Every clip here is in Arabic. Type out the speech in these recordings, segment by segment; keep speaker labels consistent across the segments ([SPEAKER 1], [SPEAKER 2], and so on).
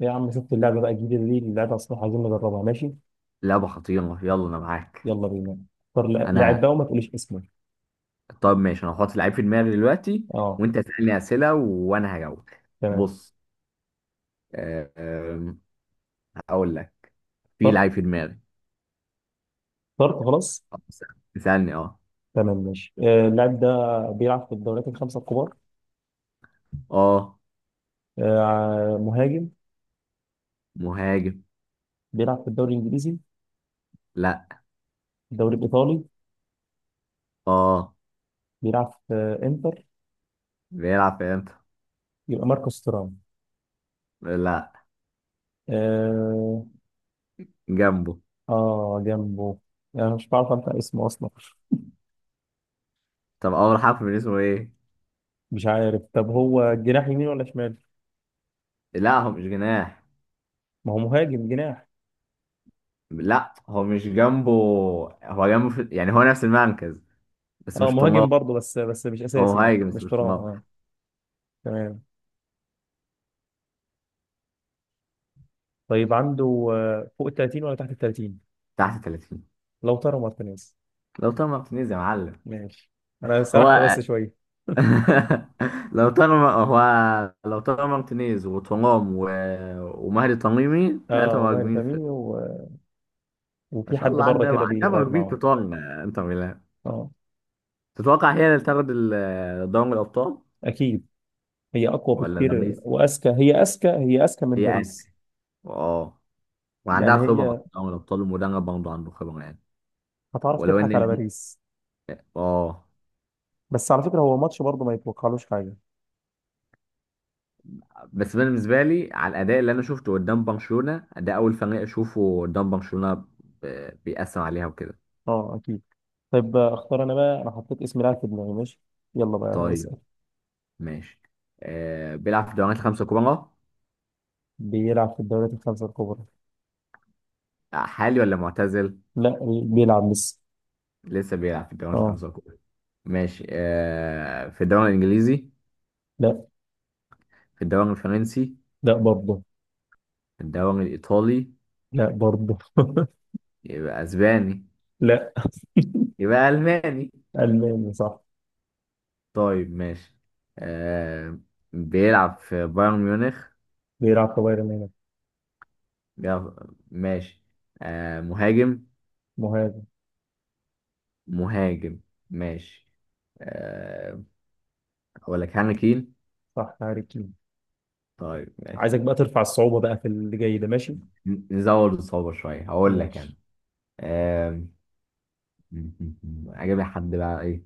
[SPEAKER 1] يا عم، شفت اللعبه بقى الجديده دي اللي لعبها؟ الصراحه عايزين نجربها. ماشي،
[SPEAKER 2] لعبة خطيرة، يلا أنا معاك.
[SPEAKER 1] يلا بينا. اختار لاعب
[SPEAKER 2] أنا.
[SPEAKER 1] بقى وما تقوليش اسمه.
[SPEAKER 2] طب ماشي، أنا هحط لعيب في دماغي دلوقتي
[SPEAKER 1] اه.
[SPEAKER 2] وأنت تسألني أسئلة وأنا هجاوب.
[SPEAKER 1] تمام.
[SPEAKER 2] بص. آه، آم، هقول لك، في
[SPEAKER 1] اخترت،
[SPEAKER 2] لعيب في دماغي.
[SPEAKER 1] اخترت خلاص.
[SPEAKER 2] آه، بس- اسألني. أه.
[SPEAKER 1] تمام ماشي. اللاعب ده بيلعب في الدوريات الخمسه الكبار.
[SPEAKER 2] أه
[SPEAKER 1] مهاجم.
[SPEAKER 2] مهاجم.
[SPEAKER 1] بيلعب في الدوري الانجليزي؟
[SPEAKER 2] لا.
[SPEAKER 1] الدوري الايطالي.
[SPEAKER 2] أه
[SPEAKER 1] بيلعب في انتر.
[SPEAKER 2] بيلعب في إمتى.
[SPEAKER 1] يبقى ماركوس تورام.
[SPEAKER 2] لا
[SPEAKER 1] اه.
[SPEAKER 2] جنبه.
[SPEAKER 1] جنبه. انا مش بعرف انت اسمه اصلا.
[SPEAKER 2] طب أول حرف من اسمه إيه؟
[SPEAKER 1] مش عارف. طب هو جناح يمين ولا شمال؟
[SPEAKER 2] لا هو مش جناح.
[SPEAKER 1] ما هو مهاجم جناح.
[SPEAKER 2] لا هو مش جنبه. هو جنبه يعني هو نفس المركز. بس
[SPEAKER 1] اه
[SPEAKER 2] مش
[SPEAKER 1] مهاجم
[SPEAKER 2] طلاب.
[SPEAKER 1] برضه، بس مش
[SPEAKER 2] هو
[SPEAKER 1] اساسي، يعني
[SPEAKER 2] مهاجم بس
[SPEAKER 1] مش
[SPEAKER 2] مش
[SPEAKER 1] ترام.
[SPEAKER 2] طلاب.
[SPEAKER 1] اه تمام. طيب عنده فوق ال 30 ولا تحت ال 30؟
[SPEAKER 2] تحت 30.
[SPEAKER 1] لوتارو مارتينيز.
[SPEAKER 2] لو طبعا تنيز يا معلم.
[SPEAKER 1] ماشي. انا
[SPEAKER 2] هو.
[SPEAKER 1] سرحت بس شويه.
[SPEAKER 2] لو طالما هو، لو طالما مارتينيز وترام ومهدي تميمي، ثلاثة
[SPEAKER 1] اه، وماري
[SPEAKER 2] مهاجمين في.
[SPEAKER 1] فامينيو
[SPEAKER 2] ما
[SPEAKER 1] وفي
[SPEAKER 2] شاء
[SPEAKER 1] حد
[SPEAKER 2] الله،
[SPEAKER 1] بره
[SPEAKER 2] عندها
[SPEAKER 1] كده
[SPEAKER 2] عندها
[SPEAKER 1] بيغير
[SPEAKER 2] مهاجمين
[SPEAKER 1] معاهم.
[SPEAKER 2] كتار. انتر ميلان.
[SPEAKER 1] اه
[SPEAKER 2] تتوقع هي اللي تاخد دوري الأبطال
[SPEAKER 1] اكيد. هي اقوى
[SPEAKER 2] ولا
[SPEAKER 1] بكتير
[SPEAKER 2] باريس؟
[SPEAKER 1] واذكى، هي اذكى، هي اذكى من
[SPEAKER 2] هي قاعدة.
[SPEAKER 1] باريس.
[SPEAKER 2] اه. وعندها
[SPEAKER 1] يعني
[SPEAKER 2] خبرة في
[SPEAKER 1] هي
[SPEAKER 2] دوري الأبطال والمدرب برضه عنده خبرة يعني.
[SPEAKER 1] هتعرف
[SPEAKER 2] ولو
[SPEAKER 1] تضحك على
[SPEAKER 2] إن.
[SPEAKER 1] باريس.
[SPEAKER 2] اه.
[SPEAKER 1] بس على فكره هو ماتش برضه ما يتوقعلوش حاجه.
[SPEAKER 2] بس أنا بالنسبة لي على الأداء اللي أنا شفته قدام برشلونة، ده أول فريق أشوفه قدام برشلونة بيأثر عليها وكده.
[SPEAKER 1] اه اكيد. طيب اختار انا بقى، انا حطيت اسم لاعب في دماغي. ماشي، يلا بقى
[SPEAKER 2] طيب
[SPEAKER 1] اسال.
[SPEAKER 2] ماشي، آه بيلعب في الدوريات الخمسة الكبرى.
[SPEAKER 1] بيلعب في الدوريات الخمسه الكبرى.
[SPEAKER 2] آه، حالي ولا معتزل؟
[SPEAKER 1] لا، بيلعب لسه.
[SPEAKER 2] لسه بيلعب في الدوريات
[SPEAKER 1] اه.
[SPEAKER 2] الخمسة الكبرى. ماشي، آه في الدوري الإنجليزي.
[SPEAKER 1] لا.
[SPEAKER 2] في الدوري الفرنسي.
[SPEAKER 1] لا برضه.
[SPEAKER 2] في الدوري الإيطالي.
[SPEAKER 1] لا برضه.
[SPEAKER 2] يبقى أسباني.
[SPEAKER 1] لا.
[SPEAKER 2] يبقى ألماني.
[SPEAKER 1] الماني صح.
[SPEAKER 2] طيب ماشي، آه بيلعب في بايرن ميونخ.
[SPEAKER 1] بيلعب في بايرن ميونخ.
[SPEAKER 2] ماشي، آه مهاجم.
[SPEAKER 1] مهاجم
[SPEAKER 2] مهاجم. ماشي، آه أقول لك هاري كين.
[SPEAKER 1] صح. هاري كين.
[SPEAKER 2] طيب ماشي،
[SPEAKER 1] عايزك بقى ترفع الصعوبة بقى في اللي جاي ده. ماشي.
[SPEAKER 2] نزود الصعوبة شوية هقول لك أنا.
[SPEAKER 1] ماشي.
[SPEAKER 2] آم، اجيب حد بقى ايه.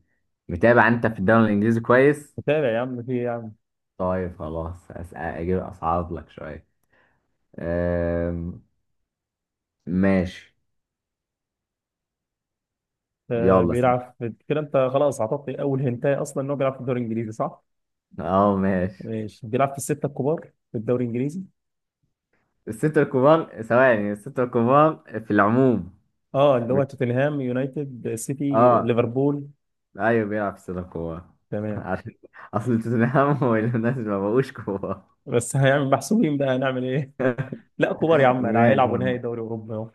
[SPEAKER 2] متابع انت في الدوري الانجليزي كويس.
[SPEAKER 1] متابع يا عم، في إيه يا عم.
[SPEAKER 2] طيب خلاص أسأل اجيب اصعب لك شويه. آم، ماشي. يلا
[SPEAKER 1] بيلعب في كده، انت خلاص اعطيتني اول هنتايه اصلا، ان هو بيلعب في الدوري الانجليزي صح.
[SPEAKER 2] اه ماشي.
[SPEAKER 1] ماشي. بيلعب في الستة الكبار في الدوري الانجليزي.
[SPEAKER 2] الستة الكبار، ثواني، الستة الكبار في العموم.
[SPEAKER 1] اه، اللي هو
[SPEAKER 2] مش-
[SPEAKER 1] توتنهام، يونايتد، سيتي،
[SPEAKER 2] اه،
[SPEAKER 1] ليفربول.
[SPEAKER 2] ايوه بيلعب في الستة الكبار
[SPEAKER 1] تمام.
[SPEAKER 2] عشان اصل توتنهام والناس ما بقوش كبار.
[SPEAKER 1] بس هيعمل محسوبين، بقى هنعمل ايه. لا كبار يا عم، انا
[SPEAKER 2] ماشي
[SPEAKER 1] هيلعبوا نهائي
[SPEAKER 2] يلا.
[SPEAKER 1] دوري اوروبا اهو.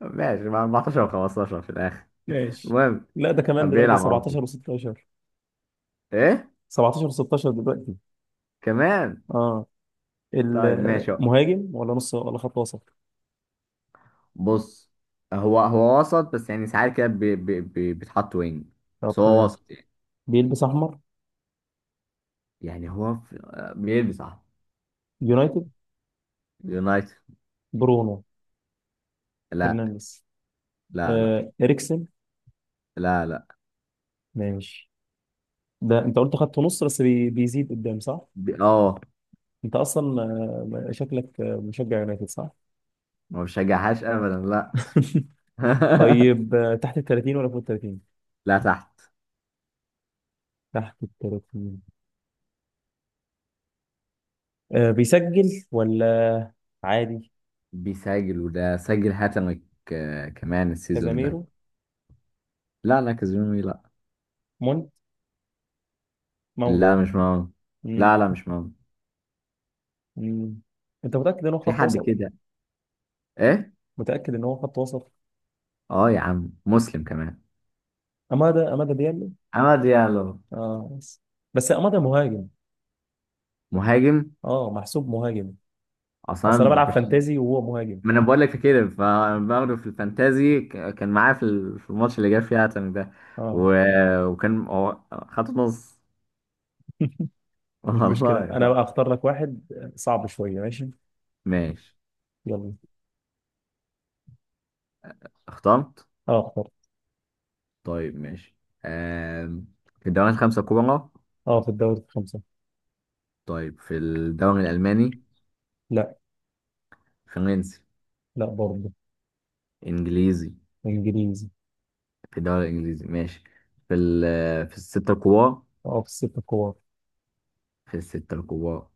[SPEAKER 2] ماشي مع 14 و15 في الاخر.
[SPEAKER 1] ماشي.
[SPEAKER 2] المهم
[SPEAKER 1] لا، ده كمان دلوقتي
[SPEAKER 2] بيلعب. اه
[SPEAKER 1] 17 و16.
[SPEAKER 2] ايه
[SPEAKER 1] 17 16 دلوقتي.
[SPEAKER 2] كمان.
[SPEAKER 1] اه.
[SPEAKER 2] طيب ماشي،
[SPEAKER 1] المهاجم ولا نص ولا خط وسط؟
[SPEAKER 2] بص، هو وسط بس يعني ساعات كده بيتحط وينج.
[SPEAKER 1] طب
[SPEAKER 2] بس هو
[SPEAKER 1] تمام.
[SPEAKER 2] وسط يعني.
[SPEAKER 1] بيلبس احمر.
[SPEAKER 2] يعني هو في... بيلبس احمر.
[SPEAKER 1] يونايتد.
[SPEAKER 2] يونايتد.
[SPEAKER 1] برونو.
[SPEAKER 2] لا.
[SPEAKER 1] فرنانديز.
[SPEAKER 2] لا. لا.
[SPEAKER 1] آه، اريكسن.
[SPEAKER 2] لا. لا.
[SPEAKER 1] ماشي. ده انت قلت خط نص، بيزيد قدام صح.
[SPEAKER 2] اه.
[SPEAKER 1] انت اصلا شكلك مشجع يونايتد صح.
[SPEAKER 2] ما بشجعهاش ابدا لا.
[SPEAKER 1] طيب تحت ال 30 ولا فوق ال 30؟
[SPEAKER 2] لا تحت.
[SPEAKER 1] تحت ال 30. آه بيسجل ولا عادي؟
[SPEAKER 2] بيسجل وده سجل هاتريك، آه، كمان السيزون ده.
[SPEAKER 1] كازاميرو.
[SPEAKER 2] لا كازيميرو لا.
[SPEAKER 1] مونت. ماونت.
[SPEAKER 2] لا مش مهم.
[SPEAKER 1] مم.
[SPEAKER 2] لا لا مش مهم.
[SPEAKER 1] مم. انت متأكد ان هو
[SPEAKER 2] في
[SPEAKER 1] خط
[SPEAKER 2] حد
[SPEAKER 1] وسط؟
[SPEAKER 2] كده. ايه.
[SPEAKER 1] متأكد ان هو خط وسط؟
[SPEAKER 2] اه يا عم مسلم كمان.
[SPEAKER 1] امادا، امادا ديالو.
[SPEAKER 2] عماد ديالو.
[SPEAKER 1] اه بس. بس امادا مهاجم.
[SPEAKER 2] مهاجم
[SPEAKER 1] اه محسوب مهاجم.
[SPEAKER 2] اصلا.
[SPEAKER 1] اصل انا بلعب فانتازي وهو مهاجم.
[SPEAKER 2] ما انا بقول لك كده فباخده في الفانتازي، كان معايا في في الماتش اللي جاب فيه عتمي ده
[SPEAKER 1] اه
[SPEAKER 2] وكان هو خط نص.
[SPEAKER 1] مش مشكله،
[SPEAKER 2] والله
[SPEAKER 1] انا بقى اختار لك واحد صعب شويه. ماشي.
[SPEAKER 2] ماشي.
[SPEAKER 1] يلا.
[SPEAKER 2] اخترت.
[SPEAKER 1] اه اختار.
[SPEAKER 2] طيب ماشي، آم، في الدوري الخمسة الكبرى.
[SPEAKER 1] اه، في الدوري في خمسه.
[SPEAKER 2] طيب في الدوري الألماني.
[SPEAKER 1] لا.
[SPEAKER 2] فرنسي.
[SPEAKER 1] لا برضه.
[SPEAKER 2] إنجليزي.
[SPEAKER 1] انجليزي.
[SPEAKER 2] في الدوري الإنجليزي ماشي. في ال في الستة الكبار.
[SPEAKER 1] اه، في الست الكبار.
[SPEAKER 2] في الستة الكبار.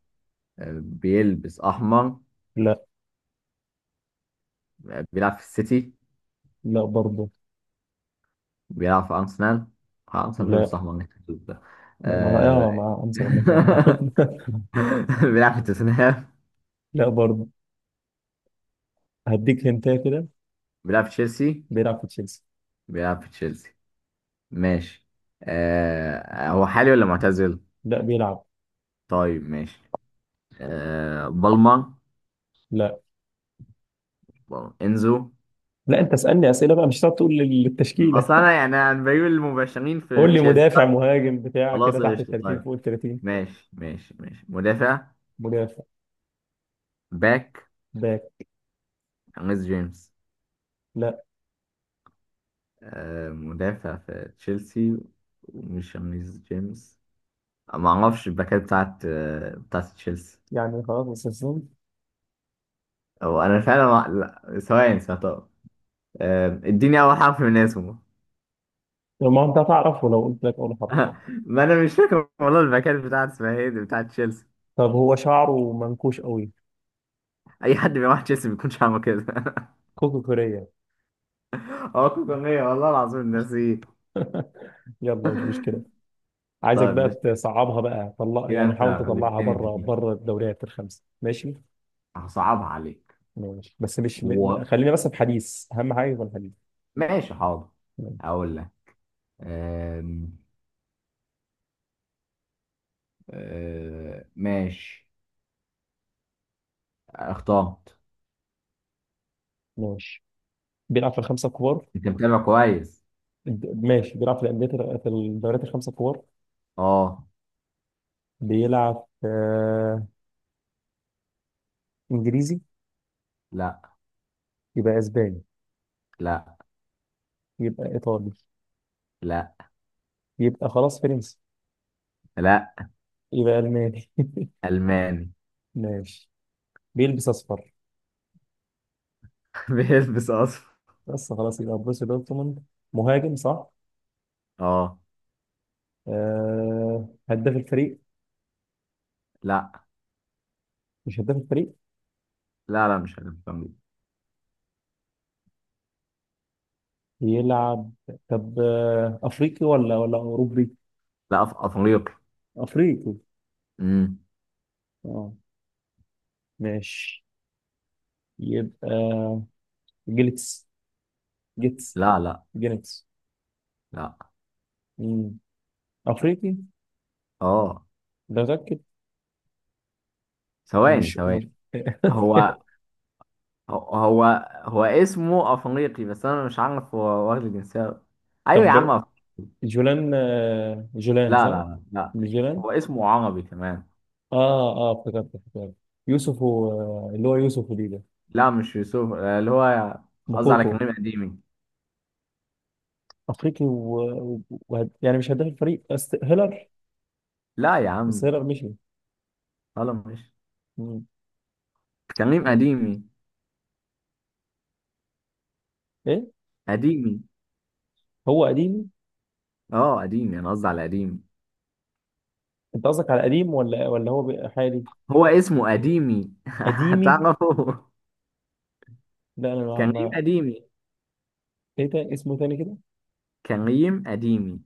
[SPEAKER 2] آه، بيلبس أحمر.
[SPEAKER 1] لا.
[SPEAKER 2] آه، بيلعب في السيتي.
[SPEAKER 1] لا برضه.
[SPEAKER 2] بيلعب في أرسنال. آه، أرسنال
[SPEAKER 1] لا.
[SPEAKER 2] بيلبس أحمر، نكتب ده.
[SPEAKER 1] لا مع،
[SPEAKER 2] آه،
[SPEAKER 1] اه مع، انسى لما أسمعها.
[SPEAKER 2] بيلعب في توتنهام.
[SPEAKER 1] لا برضه. هديك هنتايه كده.
[SPEAKER 2] بيلعب في تشيلسي.
[SPEAKER 1] بيلعب في تشيلسي.
[SPEAKER 2] بيلعب في تشيلسي. ماشي. آه، هو حالي ولا معتزل؟
[SPEAKER 1] لا، بيلعب.
[SPEAKER 2] طيب ماشي، آه، بالمر.
[SPEAKER 1] لا.
[SPEAKER 2] بالمر. إنزو.
[SPEAKER 1] لا انت اسالني اسئله بقى، مش هتقعد تقول التشكيله.
[SPEAKER 2] أصلا أنا يعني أنا بجيب المباشرين في
[SPEAKER 1] قول لي
[SPEAKER 2] تشيلسي.
[SPEAKER 1] مدافع،
[SPEAKER 2] طيب
[SPEAKER 1] مهاجم، بتاع كده،
[SPEAKER 2] خلاص
[SPEAKER 1] تحت ال
[SPEAKER 2] قشطة.
[SPEAKER 1] 30
[SPEAKER 2] طيب
[SPEAKER 1] فوق ال 30.
[SPEAKER 2] ماشي ماشي مدافع.
[SPEAKER 1] مدافع.
[SPEAKER 2] باك.
[SPEAKER 1] باك.
[SPEAKER 2] ريس جيمس.
[SPEAKER 1] لا،
[SPEAKER 2] آه، مدافع في تشيلسي، ومش ريس جيمس. ما اعرفش الباكات بتاعت تشيلسي
[SPEAKER 1] يعني خلاص بس السن.
[SPEAKER 2] او انا فعلا ما... لا ثواني. آه، اديني اول حرف من اسمه.
[SPEAKER 1] ما انت هتعرفه لو قلت لك اول حرف.
[SPEAKER 2] ما انا مش فاكر والله الباكات بتاعت اسمها ايه دي، بتاعت تشيلسي.
[SPEAKER 1] طب هو شعره منكوش قوي.
[SPEAKER 2] اي حد بيروح تشيلسي بيكونش عامل كده.
[SPEAKER 1] كوكو كوريا.
[SPEAKER 2] هو كوكونيه والله العظيم، ناسيه.
[SPEAKER 1] يلا مش مشكله. عايزك
[SPEAKER 2] طيب
[SPEAKER 1] بقى
[SPEAKER 2] ماشي،
[SPEAKER 1] تصعبها بقى، طلع
[SPEAKER 2] كده
[SPEAKER 1] يعني،
[SPEAKER 2] انت
[SPEAKER 1] حاول تطلعها
[SPEAKER 2] غلبتني في
[SPEAKER 1] بره
[SPEAKER 2] دي،
[SPEAKER 1] بره الدوريات الخمسه. ماشي.
[SPEAKER 2] هصعبها عليك.
[SPEAKER 1] ماشي بس مش
[SPEAKER 2] و...
[SPEAKER 1] خلينا بس في حديث، اهم حاجه يكون حديث.
[SPEAKER 2] ماشي حاضر.
[SPEAKER 1] ماشي.
[SPEAKER 2] هقول لك. أم... ماشي. اخترت.
[SPEAKER 1] ماشي. بيلعب في الخمسه الكبار.
[SPEAKER 2] انت متابع كويس
[SPEAKER 1] ماشي، بيلعب في الانديه، في الدوريات الخمسه الكبار.
[SPEAKER 2] اه.
[SPEAKER 1] بيلعب في انجليزي.
[SPEAKER 2] لا.
[SPEAKER 1] يبقى اسباني.
[SPEAKER 2] لا.
[SPEAKER 1] يبقى ايطالي.
[SPEAKER 2] لا.
[SPEAKER 1] يبقى خلاص فرنسي.
[SPEAKER 2] لا.
[SPEAKER 1] يبقى الماني.
[SPEAKER 2] ألماني.
[SPEAKER 1] ماشي. بيلبس اصفر.
[SPEAKER 2] بيلبس أصفر.
[SPEAKER 1] بس خلاص يبقى بروسيا دورتموند. مهاجم صح.
[SPEAKER 2] اه.
[SPEAKER 1] هداف الفريق.
[SPEAKER 2] لا.
[SPEAKER 1] مش هداف الفريق.
[SPEAKER 2] لا لا مش ألماني.
[SPEAKER 1] يلعب. طب افريقي ولا ولا اوروبي؟
[SPEAKER 2] لا أفريقي.
[SPEAKER 1] افريقي.
[SPEAKER 2] امم.
[SPEAKER 1] اه. ماشي. يبقى جيلتس، جيتس،
[SPEAKER 2] لا. لا.
[SPEAKER 1] جينيتس.
[SPEAKER 2] لا.
[SPEAKER 1] مم. افريقي
[SPEAKER 2] اه
[SPEAKER 1] ده متاكد؟
[SPEAKER 2] ثواني
[SPEAKER 1] ومش
[SPEAKER 2] ثواني هو هو هو اسمه أفريقي بس أنا مش عارف هو واخد الجنسية. أيوة يا
[SPEAKER 1] طب
[SPEAKER 2] عم
[SPEAKER 1] جولان، جولان
[SPEAKER 2] لا
[SPEAKER 1] صح؟
[SPEAKER 2] لا لا.
[SPEAKER 1] مش جولان.
[SPEAKER 2] هو اسمه عربي كمان.
[SPEAKER 1] اه. اه افتكرت، افتكرت. يوسف اللي هو يوسف ودي ده.
[SPEAKER 2] لا مش يوسف، آه، اللي هو قصدي على
[SPEAKER 1] مكوكو.
[SPEAKER 2] كريم قديمي.
[SPEAKER 1] افريقي يعني مش هداف الفريق. هيلر.
[SPEAKER 2] لا يا
[SPEAKER 1] بس
[SPEAKER 2] عم.
[SPEAKER 1] هيلر مشي.
[SPEAKER 2] خلاص مش
[SPEAKER 1] مم.
[SPEAKER 2] كريم
[SPEAKER 1] مر-
[SPEAKER 2] قديمي.
[SPEAKER 1] ايه.
[SPEAKER 2] قديمي.
[SPEAKER 1] هو قديمي.
[SPEAKER 2] اه قديمي، أنا قصدي على قديمي.
[SPEAKER 1] انت قصدك على قديم ولا ولا هو بقى حالي؟
[SPEAKER 2] هو اسمه قديمي.
[SPEAKER 1] قديمي.
[SPEAKER 2] هتعرفه.
[SPEAKER 1] لا انا
[SPEAKER 2] كان ريم قديمي.
[SPEAKER 1] ايه ده اسمه تاني كده.
[SPEAKER 2] كان ريم قديمي.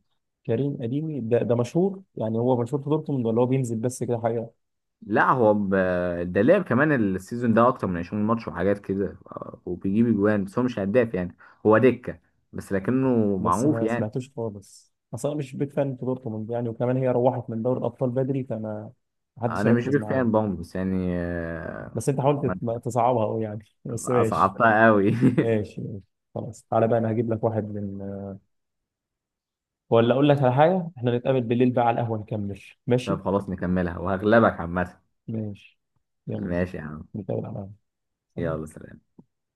[SPEAKER 1] كريم قديمي ده مشهور يعني؟ هو مشهور في دورتموند ولا هو بينزل بس كده حاجه؟
[SPEAKER 2] لا هو ده لعب كمان السيزون ده اكتر من 20 ماتش وحاجات كده، آه، وبيجيب اجوان بس هو مش هداف يعني. هو دكة بس لكنه
[SPEAKER 1] بس
[SPEAKER 2] معروف
[SPEAKER 1] ما
[SPEAKER 2] يعني.
[SPEAKER 1] سمعتوش خالص اصلا، مش بيك فان في دورتموند يعني، وكمان هي روحت من دوري الابطال بدري، فما محدش
[SPEAKER 2] انا مش
[SPEAKER 1] ركز
[SPEAKER 2] بيك
[SPEAKER 1] معاها.
[SPEAKER 2] فان برضه بس يعني آه،
[SPEAKER 1] بس انت حاولت
[SPEAKER 2] ما-
[SPEAKER 1] تصعبها قوي يعني بس ماشي.
[SPEAKER 2] اصعبتها قوي.
[SPEAKER 1] ماشي ماشي. خلاص تعالى بقى، انا هجيب لك واحد من، ولا اقول لك على حاجه، احنا نتقابل بالليل بقى على القهوه نكمل. ماشي.
[SPEAKER 2] طب خلاص نكملها وهغلبك عامة.
[SPEAKER 1] ماشي. يلا.
[SPEAKER 2] ماشي يا عم،
[SPEAKER 1] نتقابل على القهوه. سلام.
[SPEAKER 2] يلا سلام.